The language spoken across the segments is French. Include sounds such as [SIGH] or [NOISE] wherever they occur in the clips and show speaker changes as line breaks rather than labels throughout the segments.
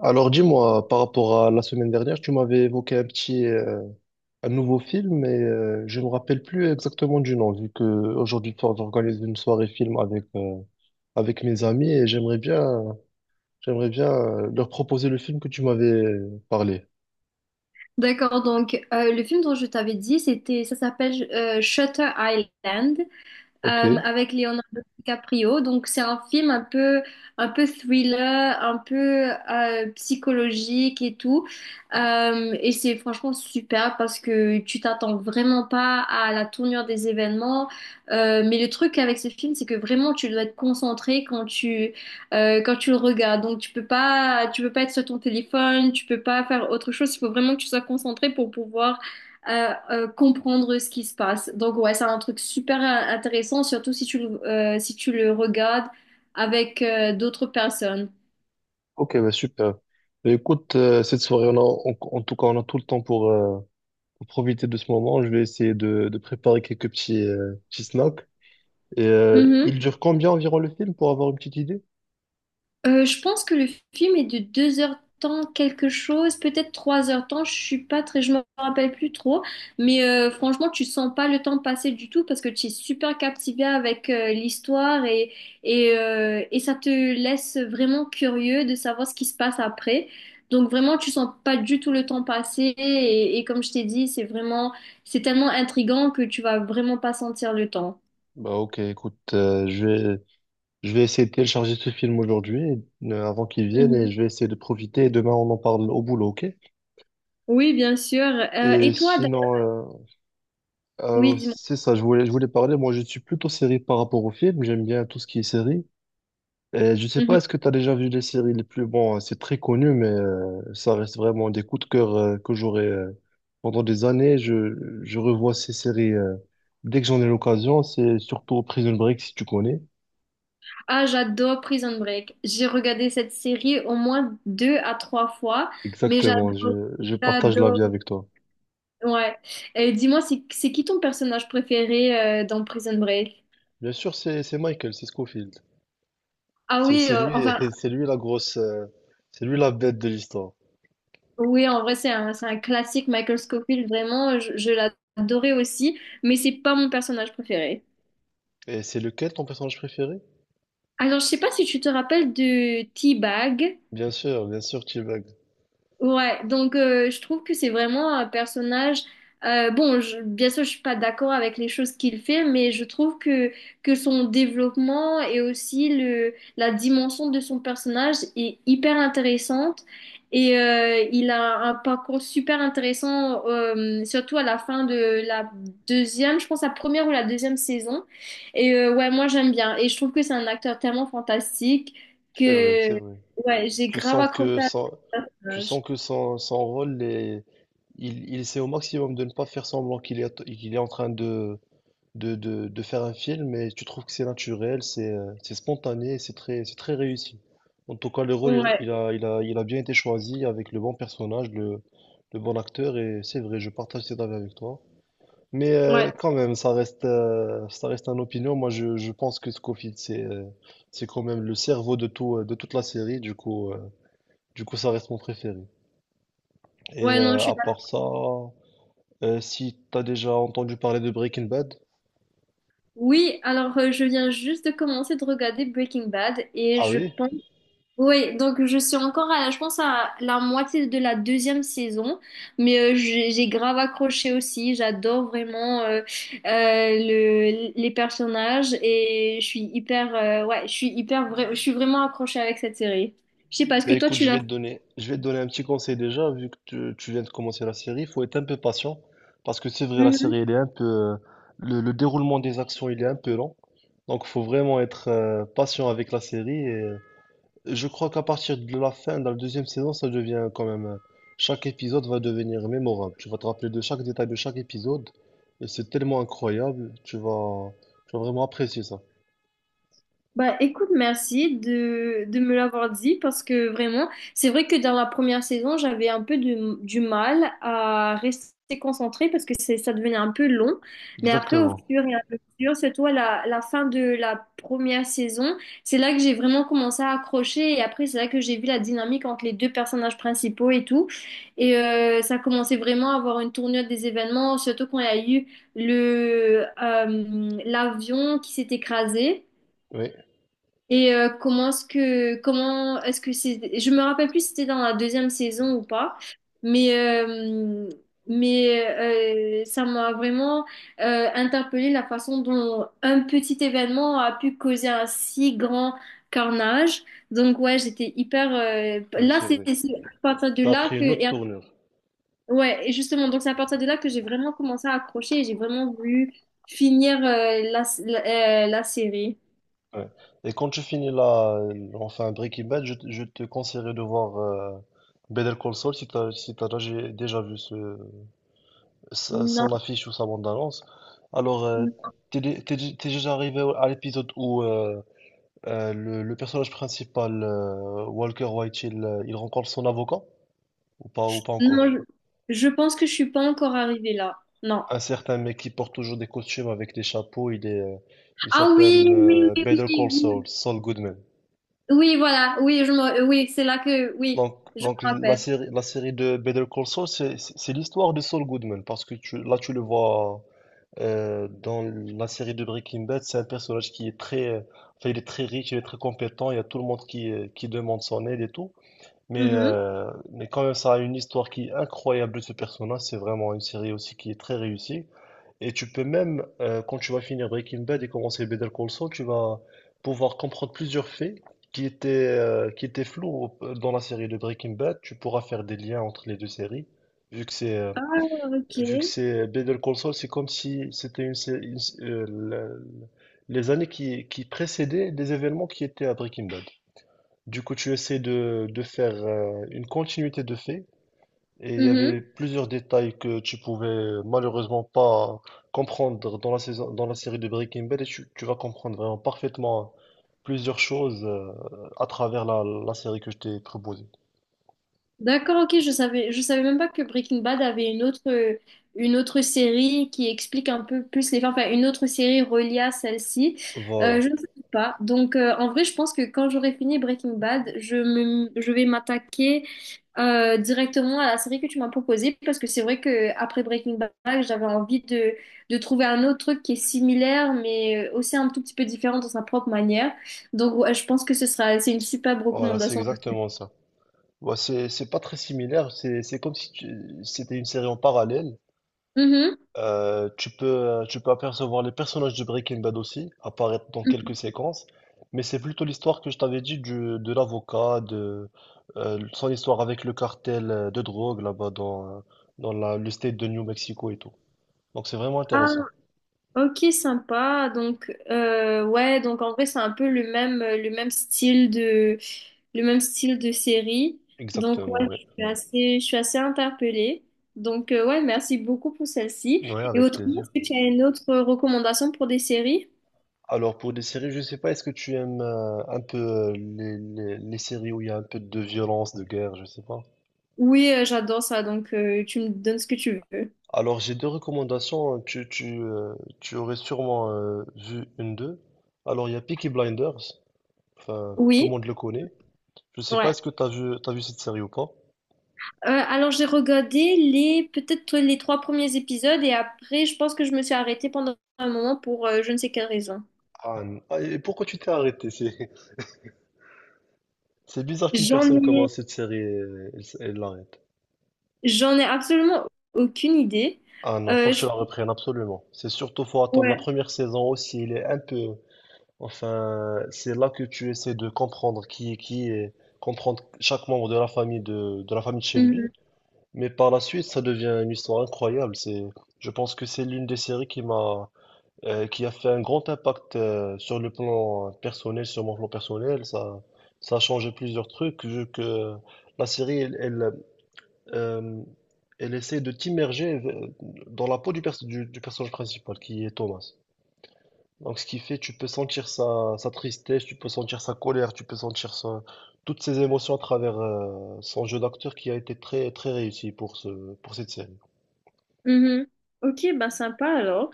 Alors dis-moi, par rapport à la semaine dernière, tu m'avais évoqué un petit, un nouveau film, mais je ne me rappelle plus exactement du nom, vu que aujourd'hui soir, j'organise une soirée film avec, avec mes amis et j'aimerais bien leur proposer le film que tu m'avais parlé.
D'accord, donc le film dont je t'avais dit, ça s'appelle Shutter Island euh,
Ok,
avec Leonardo DiCaprio. Donc c'est un film un peu thriller, un peu psychologique et tout. Et c'est franchement super parce que tu t'attends vraiment pas à la tournure des événements. Mais le truc avec ce film, c'est que vraiment tu dois être concentré quand tu le regardes. Donc tu peux pas être sur ton téléphone, tu peux pas faire autre chose. Il faut vraiment que tu sois concentré pour pouvoir à comprendre ce qui se passe. Donc ouais, c'est un truc super intéressant, surtout si tu le regardes avec d'autres personnes.
ok, bah super. Bah, écoute, cette soirée, en tout cas, on a tout le temps pour profiter de ce moment. Je vais essayer de préparer quelques petits, petits snacks. Et il dure combien environ le film pour avoir une petite idée?
Je pense que le film est de deux heures temps quelque chose, peut-être trois heures temps, je suis pas très, je me rappelle plus trop, mais franchement tu sens pas le temps passer du tout parce que tu es super captivé avec l'histoire et ça te laisse vraiment curieux de savoir ce qui se passe après. Donc vraiment tu sens pas du tout le temps passer et comme je t'ai dit c'est tellement intriguant que tu vas vraiment pas sentir le temps.
Bah ok, écoute, je vais essayer de télécharger ce film aujourd'hui, avant qu'il vienne,
Mhm.
et je vais essayer de profiter, et demain on en parle au boulot, ok?
Oui bien sûr.
Et
Et toi,
sinon,
oui dis-moi.
c'est ça, je voulais parler, moi je suis plutôt série par rapport au film, j'aime bien tout ce qui est série. Et je sais pas,
Mhm.
est-ce que tu as déjà vu les séries les plus... Bon, c'est très connu, mais ça reste vraiment des coups de cœur que j'aurai pendant des années. Je revois ces séries dès que j'en ai l'occasion, c'est surtout Prison Break, si tu connais.
Ah, j'adore Prison Break. J'ai regardé cette série au moins deux à trois fois, mais
Exactement,
j'adore,
je partage
j'adore.
l'avis avec toi.
Ouais. Et dis-moi, c'est qui ton personnage préféré dans Prison Break?
Bien sûr, c'est Michael, c'est Scofield.
Ah
C'est
oui,
c'est
euh,
lui,
enfin,
[LAUGHS] c'est lui la grosse, c'est lui la bête de l'histoire.
oui, en vrai, c'est un classique, Michael Scofield, vraiment, je l'adorais aussi, mais c'est pas mon personnage préféré.
Et c'est lequel ton personnage préféré?
Alors, je sais pas si tu te rappelles de T-Bag.
Bien sûr, T-Bag.
Ouais, donc je trouve que c'est vraiment un personnage. Bien sûr, je suis pas d'accord avec les choses qu'il fait, mais je trouve que son développement et aussi le la dimension de son personnage est hyper intéressante et il a un parcours super intéressant, surtout à la fin de la deuxième, je pense la première ou la deuxième saison. Moi j'aime bien et je trouve que c'est un acteur tellement fantastique
C'est vrai, c'est
que
vrai.
ouais, j'ai
Tu
grave
sens
accroché
que
à
son,
ce
tu
personnage.
sens que son, son rôle est, il essaie au maximum de ne pas faire semblant qu'il est en train de, de faire un film et tu trouves que c'est naturel, c'est spontané, et c'est très réussi. En tout cas, le rôle,
Ouais,
il a bien été choisi avec le bon personnage, le bon acteur et c'est vrai, je partage cet avis avec toi. Mais
ouais,
quand même, ça reste une opinion. Moi, je pense que Scofield, c'est quand même le cerveau de tout, de toute la série. Du coup, ça reste mon préféré. Et
ouais, non, je suis
à
d'accord.
part ça, si t'as déjà entendu parler de Breaking Bad,
Oui, alors je viens juste de commencer de regarder Breaking Bad et
ah
je
oui?
pense. Oui, donc je pense à la moitié de la deuxième saison, mais j'ai grave accroché aussi. J'adore vraiment les personnages et je suis hyper, ouais, je suis hyper, vra- je suis vraiment accrochée avec cette série. Je sais pas, est-ce
Bah
que toi
écoute,
tu l'as?
je vais te donner un petit conseil déjà, vu que tu viens de commencer la série, il faut être un peu patient, parce que c'est vrai, la série, elle est un peu, le déroulement des actions, il est un peu lent, donc faut vraiment être patient avec la série, et je crois qu'à partir de la fin, dans la deuxième saison, ça devient quand même, chaque épisode va devenir mémorable, tu vas te rappeler de chaque détail de chaque épisode, et c'est tellement incroyable, tu vas vraiment apprécier ça.
Bah écoute, merci de me l'avoir dit parce que vraiment, c'est vrai que dans la première saison, j'avais un peu du mal à rester concentrée parce que ça devenait un peu long. Mais après, au
Exactement.
fur et à mesure, c'est toi la fin de la première saison, c'est là que j'ai vraiment commencé à accrocher et après, c'est là que j'ai vu la dynamique entre les deux personnages principaux et tout. Ça commençait vraiment à avoir une tournure des événements, surtout quand il y a eu l'avion qui s'est écrasé.
Oui,
Comment est-ce que c'est, je me rappelle plus si c'était dans la deuxième saison ou pas, mais euh, mais ça m'a vraiment interpellée la façon dont un petit événement a pu causer un si grand carnage. Donc ouais, j'étais hyper
ouais,
là
c'est
c'est
vrai.
c'est à partir de
Ça a
là
pris
que
une autre
et-
tournure.
Ouais et justement, donc c'est à partir de là que j'ai vraiment commencé à accrocher et j'ai vraiment voulu finir la série.
Ouais. Et quand tu finis la, enfin Breaking Bad, je te conseillerais de voir Better Call Saul si t'as, si t'as déjà déjà vu ce, son
Non.
affiche ou sa bande-annonce. Alors, t'es déjà arrivé à l'épisode où le personnage principal, Walker White, il rencontre son avocat ou pas
Non,
encore?
je pense que je suis pas encore arrivée là. Non.
Un certain mec qui porte toujours des costumes avec des chapeaux, il
Ah oui,
s'appelle
oui, oui,
Better
oui,
Call Saul,
oui,
Saul Goodman.
oui, voilà, oui, je me... oui, c'est là que, oui,
Donc,
je
donc
me rappelle.
la série de Better Call Saul, c'est l'histoire de Saul Goodman, parce que tu, là, tu le vois dans la série de Breaking Bad, c'est un personnage qui est très, enfin, il est très riche, il est très compétent, il y a tout le monde qui demande son aide et tout.
Mhm.
Mais quand même, ça a une histoire qui est incroyable de ce personnage. C'est vraiment une série aussi qui est très réussie. Et tu peux même, quand tu vas finir Breaking Bad et commencer Better Call Saul, tu vas pouvoir comprendre plusieurs faits qui étaient, qui étaient flous dans la série de Breaking Bad. Tu pourras faire des liens entre les deux séries. Vu que c'est, euh,
Ah, ok.
vu que c'est Better Call Saul, c'est comme si c'était les années qui précédaient des événements qui étaient à Breaking Bad. Du coup, tu essaies de faire une continuité de faits et il y avait
Mhm.
plusieurs détails que tu pouvais malheureusement pas comprendre dans la saison, dans la série de Breaking Bad et tu vas comprendre vraiment parfaitement hein, plusieurs choses à travers la série que je t'ai proposée.
D'accord, ok, je savais même pas que Breaking Bad avait une autre série qui explique un peu plus les fins, enfin une autre série reliée à celle-ci.
Voilà,
Je ne sais pas. Donc en vrai, je pense que quand j'aurai fini Breaking Bad, je vais m'attaquer directement à la série que tu m'as proposée parce que c'est vrai que après Breaking Bad, j'avais envie de trouver un autre truc qui est similaire mais aussi un tout petit peu différent dans sa propre manière. Donc ouais, je pense que c'est une superbe
voilà, c'est
recommandation.
exactement ça. Ouais, c'est pas très similaire, c'est comme si c'était une série en parallèle.
Mhm.
Tu peux apercevoir les personnages de Breaking Bad aussi, apparaître dans quelques séquences, mais c'est plutôt l'histoire que je t'avais dit de l'avocat, de son histoire avec le cartel de drogue là-bas dans, dans le state de New Mexico et tout. Donc c'est vraiment intéressant.
Ok, sympa. Donc, ouais, donc en vrai, c'est un peu le même style de série. Donc,
Exactement,
ouais,
ouais.
je suis assez interpellée. Donc, ouais, merci beaucoup pour celle-ci.
Ouais,
Et
avec
autrement, est-ce
plaisir.
que tu as une autre recommandation pour des séries?
Alors pour des séries, je sais pas, est-ce que tu aimes un peu les, les séries où il y a un peu de violence, de guerre, je sais pas.
Oui, j'adore ça. Donc, tu me donnes ce que tu veux.
Alors, j'ai deux recommandations. Hein. Tu aurais sûrement vu une d'eux. Alors, il y a Peaky Blinders. Enfin, tout le
Oui,
monde le connaît. Je sais pas,
ouais.
est-ce que t'as vu cette série ou pas?
Alors, j'ai regardé peut-être les trois premiers épisodes et après, je pense que je me suis arrêtée pendant un moment pour je ne sais quelle raison.
Et pourquoi tu t'es arrêté? C'est, [LAUGHS] c'est bizarre qu'une
J'en
personne
ai,
commence cette série et elle l'arrête.
J'en ai absolument aucune idée.
Ah non, faut
Euh,
que tu
je-
la reprennes absolument. C'est surtout, faut attendre la
Ouais.
première saison aussi. Il est un peu. Enfin, c'est là que tu essaies de comprendre qui est qui et comprendre chaque membre de la famille de la famille de Shelby.
Mhm.
Mais par la suite, ça devient une histoire incroyable. C'est, je pense que c'est l'une des séries qui m'a, qui a fait un grand impact sur le plan personnel, sur mon plan personnel. Ça a changé plusieurs trucs. Vu que la série, elle, elle, euh, elle essaie de t'immerger dans la peau du personnage principal, qui est Thomas. Donc, ce qui fait, tu peux sentir sa, sa tristesse, tu peux sentir sa colère, tu peux sentir toutes ses émotions à travers son jeu d'acteur qui a été très, très réussi pour ce, pour cette série.
Mhm. Ok, bah sympa alors.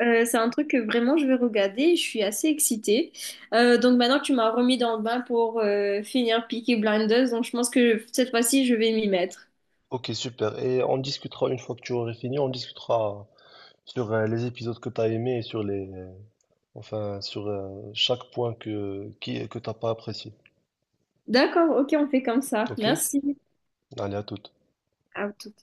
C'est un truc que vraiment je vais regarder. Je suis assez excitée. Donc maintenant que tu m'as remis dans le bain pour finir Peaky Blinders, donc je pense que cette fois-ci je vais m'y mettre.
Ok, super. Et on discutera une fois que tu aurais fini, on discutera sur les épisodes que tu as aimés et sur les, enfin, sur chaque point que t'as pas apprécié.
D'accord, ok, on fait comme ça.
Ok?
Merci.
Allez, à toute.
À tout.